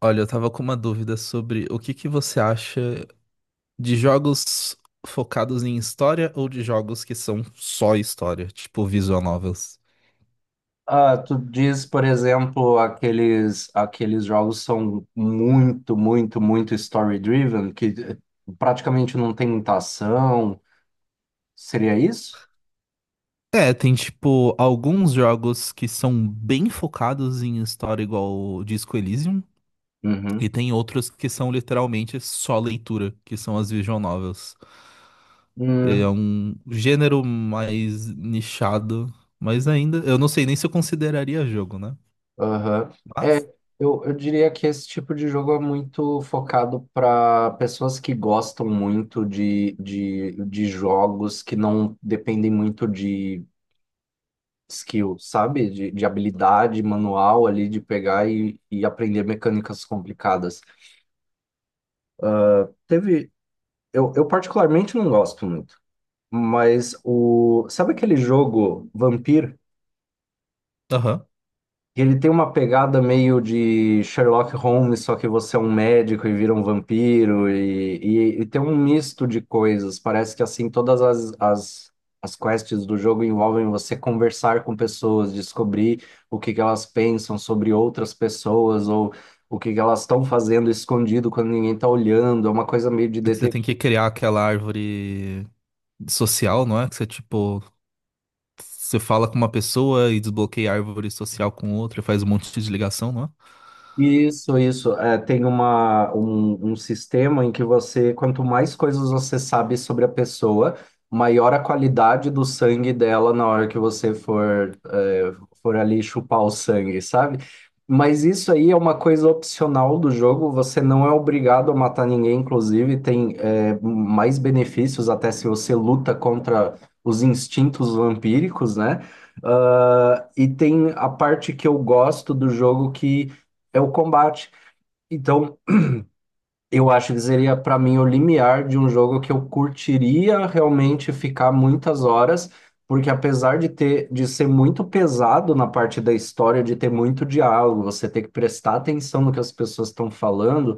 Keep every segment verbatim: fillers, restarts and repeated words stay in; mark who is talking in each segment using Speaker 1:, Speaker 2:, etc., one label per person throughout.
Speaker 1: Olha, eu tava com uma dúvida sobre o que que você acha de jogos focados em história ou de jogos que são só história, tipo visual novels.
Speaker 2: Ah, tu diz, por exemplo, aqueles, aqueles jogos são muito, muito, muito story-driven, que eh, praticamente não tem muita ação. Seria isso?
Speaker 1: É, tem tipo alguns jogos que são bem focados em história, igual o Disco Elysium, e
Speaker 2: Uhum.
Speaker 1: tem outros que são literalmente só leitura, que são as visual novels. É
Speaker 2: Hum,
Speaker 1: um gênero mais nichado, mas ainda, eu não sei nem se eu consideraria jogo, né?
Speaker 2: aham. É,
Speaker 1: Mas,
Speaker 2: eu, eu diria que esse tipo de jogo é muito focado para pessoas que gostam muito de, de, de jogos que não dependem muito de skill, sabe? De, de habilidade manual ali, de pegar e, e aprender mecânicas complicadas. Teve. Eu, eu particularmente não gosto muito, mas o. Sabe aquele jogo Vampir?
Speaker 1: aham.
Speaker 2: Que ele tem uma pegada meio de Sherlock Holmes, só que você é um médico e vira um vampiro, e, e, e tem um misto de coisas. Parece que assim, todas as, as, as quests do jogo envolvem você conversar com pessoas, descobrir o que que elas pensam sobre outras pessoas, ou o que que elas estão fazendo escondido quando ninguém está olhando. É uma coisa meio de
Speaker 1: É que você tem que
Speaker 2: detetive.
Speaker 1: criar aquela árvore social, não é? Que você, tipo, você fala com uma pessoa e desbloqueia a árvore social com outra, e faz um monte de ligação, não é?
Speaker 2: Isso, isso. É, tem uma, um, um sistema em que você, quanto mais coisas você sabe sobre a pessoa, maior a qualidade do sangue dela na hora que você for, é, for ali chupar o sangue, sabe? Mas isso aí é uma coisa opcional do jogo, você não é obrigado a matar ninguém, inclusive tem, é, mais benefícios até se você luta contra os instintos vampíricos, né? Ah, e tem a parte que eu gosto do jogo que é o combate. Então, eu acho que seria para mim o limiar de um jogo que eu curtiria realmente ficar muitas horas, porque apesar de ter de ser muito pesado na parte da história, de ter muito diálogo, você ter que prestar atenção no que as pessoas estão falando,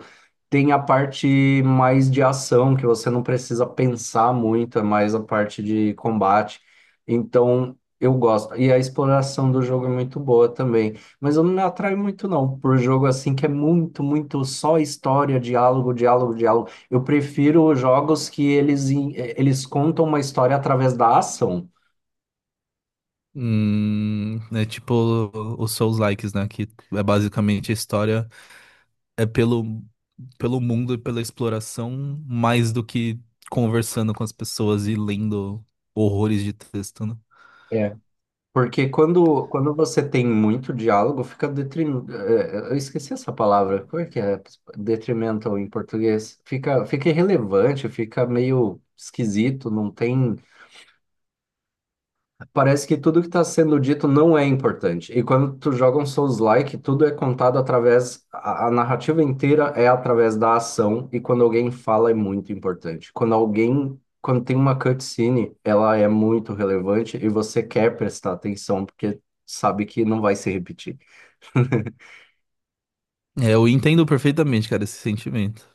Speaker 2: tem a parte mais de ação que você não precisa pensar muito, é mais a parte de combate. Então, eu gosto. E a exploração do jogo é muito boa também. Mas eu não me atraio muito, não, por jogo assim que é muito, muito só história, diálogo, diálogo, diálogo. Eu prefiro jogos que eles, em- eh, eles contam uma história através da ação.
Speaker 1: Hum, é tipo os Souls Likes, né? Que é basicamente a história é pelo, pelo mundo e pela exploração, mais do que conversando com as pessoas e lendo horrores de texto, né?
Speaker 2: É. Porque quando, quando você tem muito diálogo, fica detrim... eh, eh, eu esqueci essa palavra. Como é que é? Detrimental em português. Fica, fica irrelevante, fica meio esquisito, não tem. Parece que tudo que está sendo dito não é importante. E quando tu joga um Souls-like, tudo é contado através. A, a narrativa inteira é através da ação, e quando alguém fala é muito importante. Quando alguém. Quando tem uma cutscene, ela é muito relevante e você quer prestar atenção, porque sabe que não vai se repetir.
Speaker 1: É, eu entendo perfeitamente, cara, esse sentimento.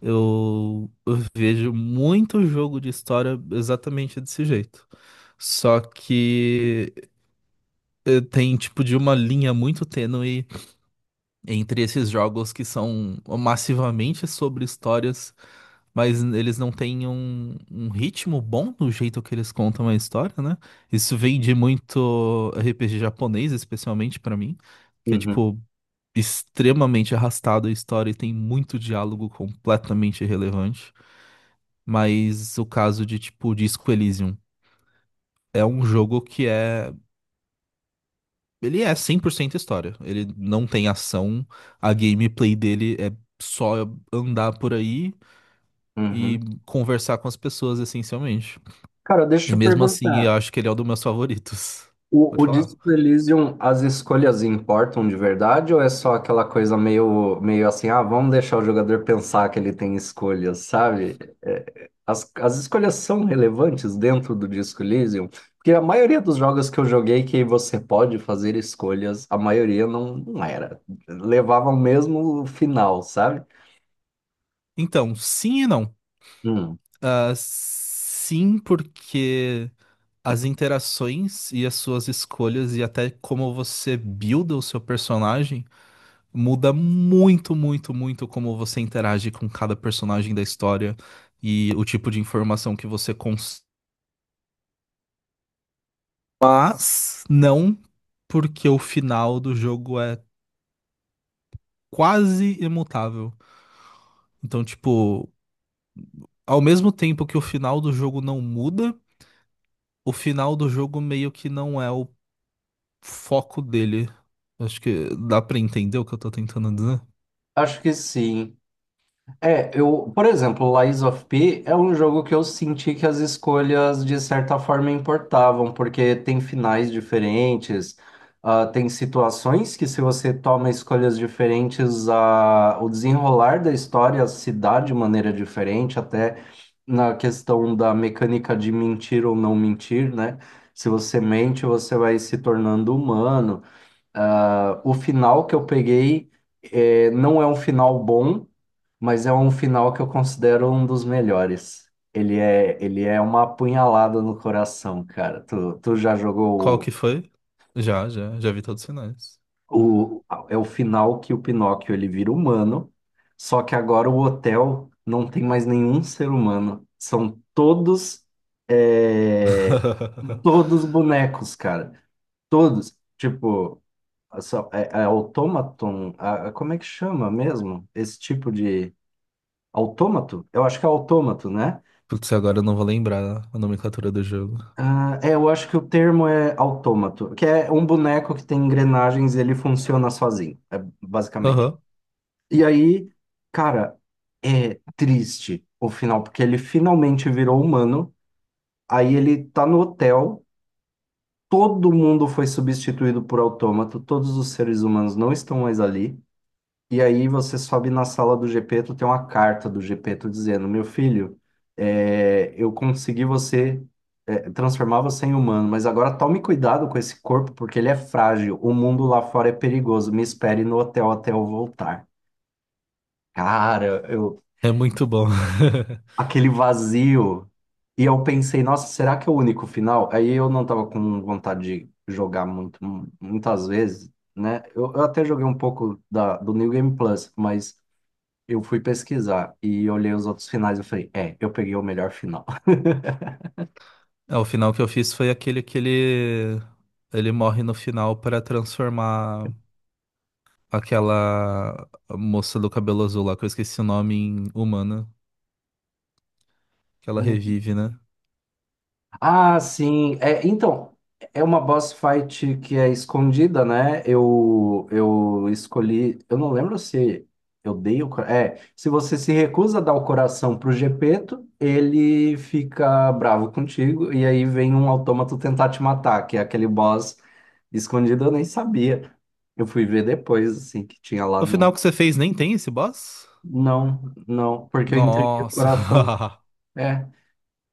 Speaker 1: Eu, eu vejo muito jogo de história exatamente desse jeito. Só que eh, tem tipo de uma linha muito tênue entre esses jogos que são massivamente sobre histórias, mas eles não têm um, um ritmo bom no jeito que eles contam a história, né? Isso vem de muito R P G japonês, especialmente pra mim, que é
Speaker 2: Uhum,
Speaker 1: tipo extremamente arrastado a história e tem muito diálogo completamente irrelevante. Mas o caso de, tipo, Disco Elysium é um jogo que é. Ele é cem por cento história. Ele não tem ação. A gameplay dele é só andar por aí e
Speaker 2: uhum.
Speaker 1: conversar com as pessoas, essencialmente.
Speaker 2: Cara,
Speaker 1: E
Speaker 2: deixa eu
Speaker 1: mesmo assim,
Speaker 2: perguntar.
Speaker 1: eu acho que ele é um dos meus favoritos.
Speaker 2: O,
Speaker 1: Pode
Speaker 2: o
Speaker 1: falar.
Speaker 2: Disco Elysium, as escolhas importam de verdade ou é só aquela coisa meio, meio assim, ah, vamos deixar o jogador pensar que ele tem escolhas, sabe? É, as, as escolhas são relevantes dentro do Disco Elysium, porque a maioria dos jogos que eu joguei que você pode fazer escolhas, a maioria não, não era. Levava o mesmo final, sabe?
Speaker 1: Então, sim e não.
Speaker 2: Hum,
Speaker 1: Ah, sim, porque as interações e as suas escolhas e até como você builda o seu personagem muda muito, muito, muito como você interage com cada personagem da história e o tipo de informação que você consome. Mas não porque o final do jogo é quase imutável. Então, tipo, ao mesmo tempo que o final do jogo não muda, o final do jogo meio que não é o foco dele. Acho que dá pra entender o que eu tô tentando dizer.
Speaker 2: acho que sim. É, eu, por exemplo, Lies of P é um jogo que eu senti que as escolhas de certa forma importavam, porque tem finais diferentes, ah, tem situações que se você toma escolhas diferentes, ah, o desenrolar da história se dá de maneira diferente, até na questão da mecânica de mentir ou não mentir, né? Se você mente, você vai se tornando humano. Ah, o final que eu peguei eh, não é um final bom, mas é um final que eu considero um dos melhores. Ele é, ele é uma apunhalada no coração, cara. Tu, tu já
Speaker 1: Qual que
Speaker 2: jogou
Speaker 1: foi? Já, já, já vi todos os sinais.
Speaker 2: o, o- é o final que o Pinóquio ele vira humano, só que agora o hotel não tem mais nenhum ser humano. São todos eh, todos bonecos, cara. Todos. Tipo só- é, é automaton, a- a- como é que chama mesmo? Esse tipo de autômato? Eu acho que é autômato, né?
Speaker 1: Putz, agora eu não vou lembrar a nomenclatura do jogo.
Speaker 2: Ah, é, eu acho que o termo é autômato, que é um boneco que tem engrenagens e ele funciona sozinho, é, basicamente.
Speaker 1: Aham.
Speaker 2: E aí, cara, é triste o final, porque ele finalmente virou humano, aí ele tá no hotel, todo mundo foi substituído por autômato, todos os seres humanos não estão mais ali. E aí você sobe na sala do Gepeto, tem uma carta do Gepeto dizendo, meu filho, é, eu consegui você é, transformar você em humano, mas agora tome cuidado com esse corpo porque ele é frágil. O mundo lá fora é perigoso. Me espere no hotel até eu voltar. Cara, eu
Speaker 1: É muito bom.
Speaker 2: aquele vazio. E eu pensei, nossa, será que é o único final? Aí eu não tava com vontade de jogar muito, muitas vezes, né? Eu, eu até joguei um pouco da, do New Game Plus, mas eu fui pesquisar e olhei os outros finais e eu falei, é, eu peguei o melhor final.
Speaker 1: É, o final que eu fiz foi aquele que ele, ele morre no final para transformar aquela moça do cabelo azul lá, que eu esqueci o nome, em humana, que ela revive, né?
Speaker 2: Ah, sim. É, então, é uma boss fight que é escondida, né? Eu, eu escolhi. Eu não lembro se eu dei o. cora- É, se você se recusa a dar o coração pro Gepeto, ele fica bravo contigo. E aí vem um autômato tentar te matar, que é aquele boss escondido, eu nem sabia. Eu fui ver depois, assim, que tinha lá
Speaker 1: O
Speaker 2: no.
Speaker 1: final que você fez nem tem esse boss?
Speaker 2: Não, não, porque eu entreguei o
Speaker 1: Nossa.
Speaker 2: coração. É.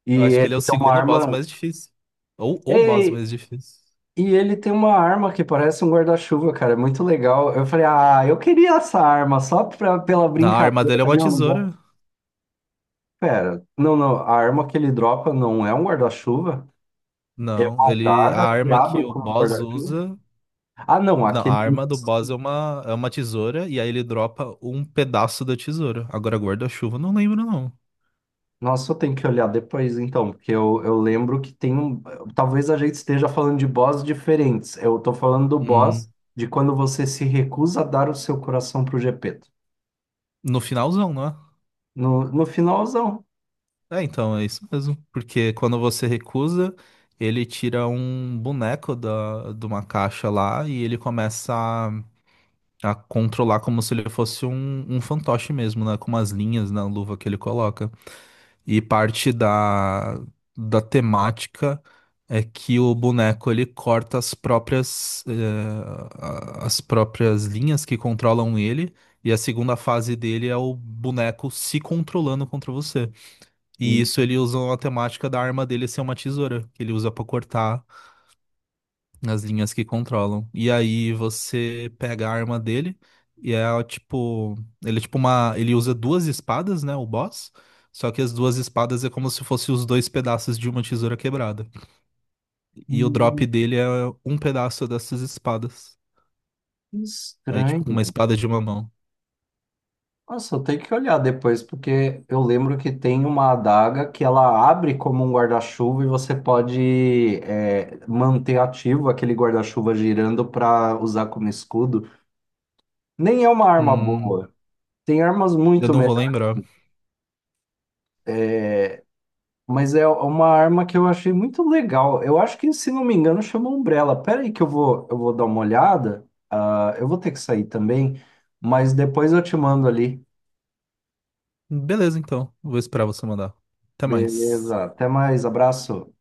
Speaker 2: E
Speaker 1: Eu acho que
Speaker 2: ele
Speaker 1: ele é o
Speaker 2: tem uma
Speaker 1: segundo boss
Speaker 2: arma.
Speaker 1: mais difícil. Ou o boss
Speaker 2: Ei!
Speaker 1: mais difícil.
Speaker 2: E ele tem uma arma que parece um guarda-chuva, cara. É muito legal. Eu falei, ah, eu queria essa arma só pra, pela
Speaker 1: Na arma dele é
Speaker 2: brincadeira
Speaker 1: uma
Speaker 2: de eu não. lugar."
Speaker 1: tesoura.
Speaker 2: Pera, não, não. A arma que ele dropa não é um guarda-chuva. É
Speaker 1: Não,
Speaker 2: uma
Speaker 1: ele, a
Speaker 2: adaga que
Speaker 1: arma que
Speaker 2: abre
Speaker 1: o
Speaker 2: como um
Speaker 1: boss
Speaker 2: guarda-chuva.
Speaker 1: usa.
Speaker 2: Ah, não.
Speaker 1: Não, a
Speaker 2: Aquele.
Speaker 1: arma do boss é uma, é uma tesoura e aí ele dropa um pedaço da tesoura. Agora guarda-chuva, não lembro não.
Speaker 2: Nossa, eu tenho que olhar depois, então, porque eu, eu lembro que tem um. Talvez a gente esteja falando de boss diferentes. Eu tô falando do
Speaker 1: Hum,
Speaker 2: boss de quando você se recusa a dar o seu coração pro Gepeto.
Speaker 1: no finalzão, não é?
Speaker 2: No, no finalzão.
Speaker 1: É, então, é isso mesmo. Porque quando você recusa, ele tira um boneco da, de uma caixa lá e ele começa a, a controlar como se ele fosse um, um fantoche mesmo, né? Com umas linhas na luva que ele coloca. E parte da, da temática é que o boneco ele corta as próprias, eh, a- as próprias linhas que controlam ele, e a segunda fase dele é o boneco se controlando contra você. E
Speaker 2: Hum,
Speaker 1: isso ele usa a temática da arma dele ser uma tesoura, que ele usa pra cortar nas linhas que controlam. E aí você pega a arma dele e é tipo, ele é tipo uma, ele usa duas espadas, né, o boss. Só que as duas espadas é como se fossem os dois pedaços de uma tesoura quebrada. E o drop dele é um pedaço dessas espadas.
Speaker 2: que
Speaker 1: Aí tipo com uma
Speaker 2: estranho.
Speaker 1: espada de uma mão.
Speaker 2: Nossa, eu tenho que olhar depois, porque eu lembro que tem uma adaga que ela abre como um guarda-chuva e você pode é, manter ativo aquele guarda-chuva girando para usar como escudo. Nem é uma arma
Speaker 1: Hum,
Speaker 2: boa. Tem armas
Speaker 1: eu
Speaker 2: muito
Speaker 1: não vou lembrar.
Speaker 2: Mas é uma arma que eu achei muito legal. Eu acho que, se não me engano, chama Umbrella. Pera aí que eu vou, eu vou dar uma olhada. Ah, eu vou ter que sair também, mas depois eu te mando ali.
Speaker 1: Beleza, então. Vou esperar você mandar. Até mais.
Speaker 2: Beleza. Até mais. Abraço.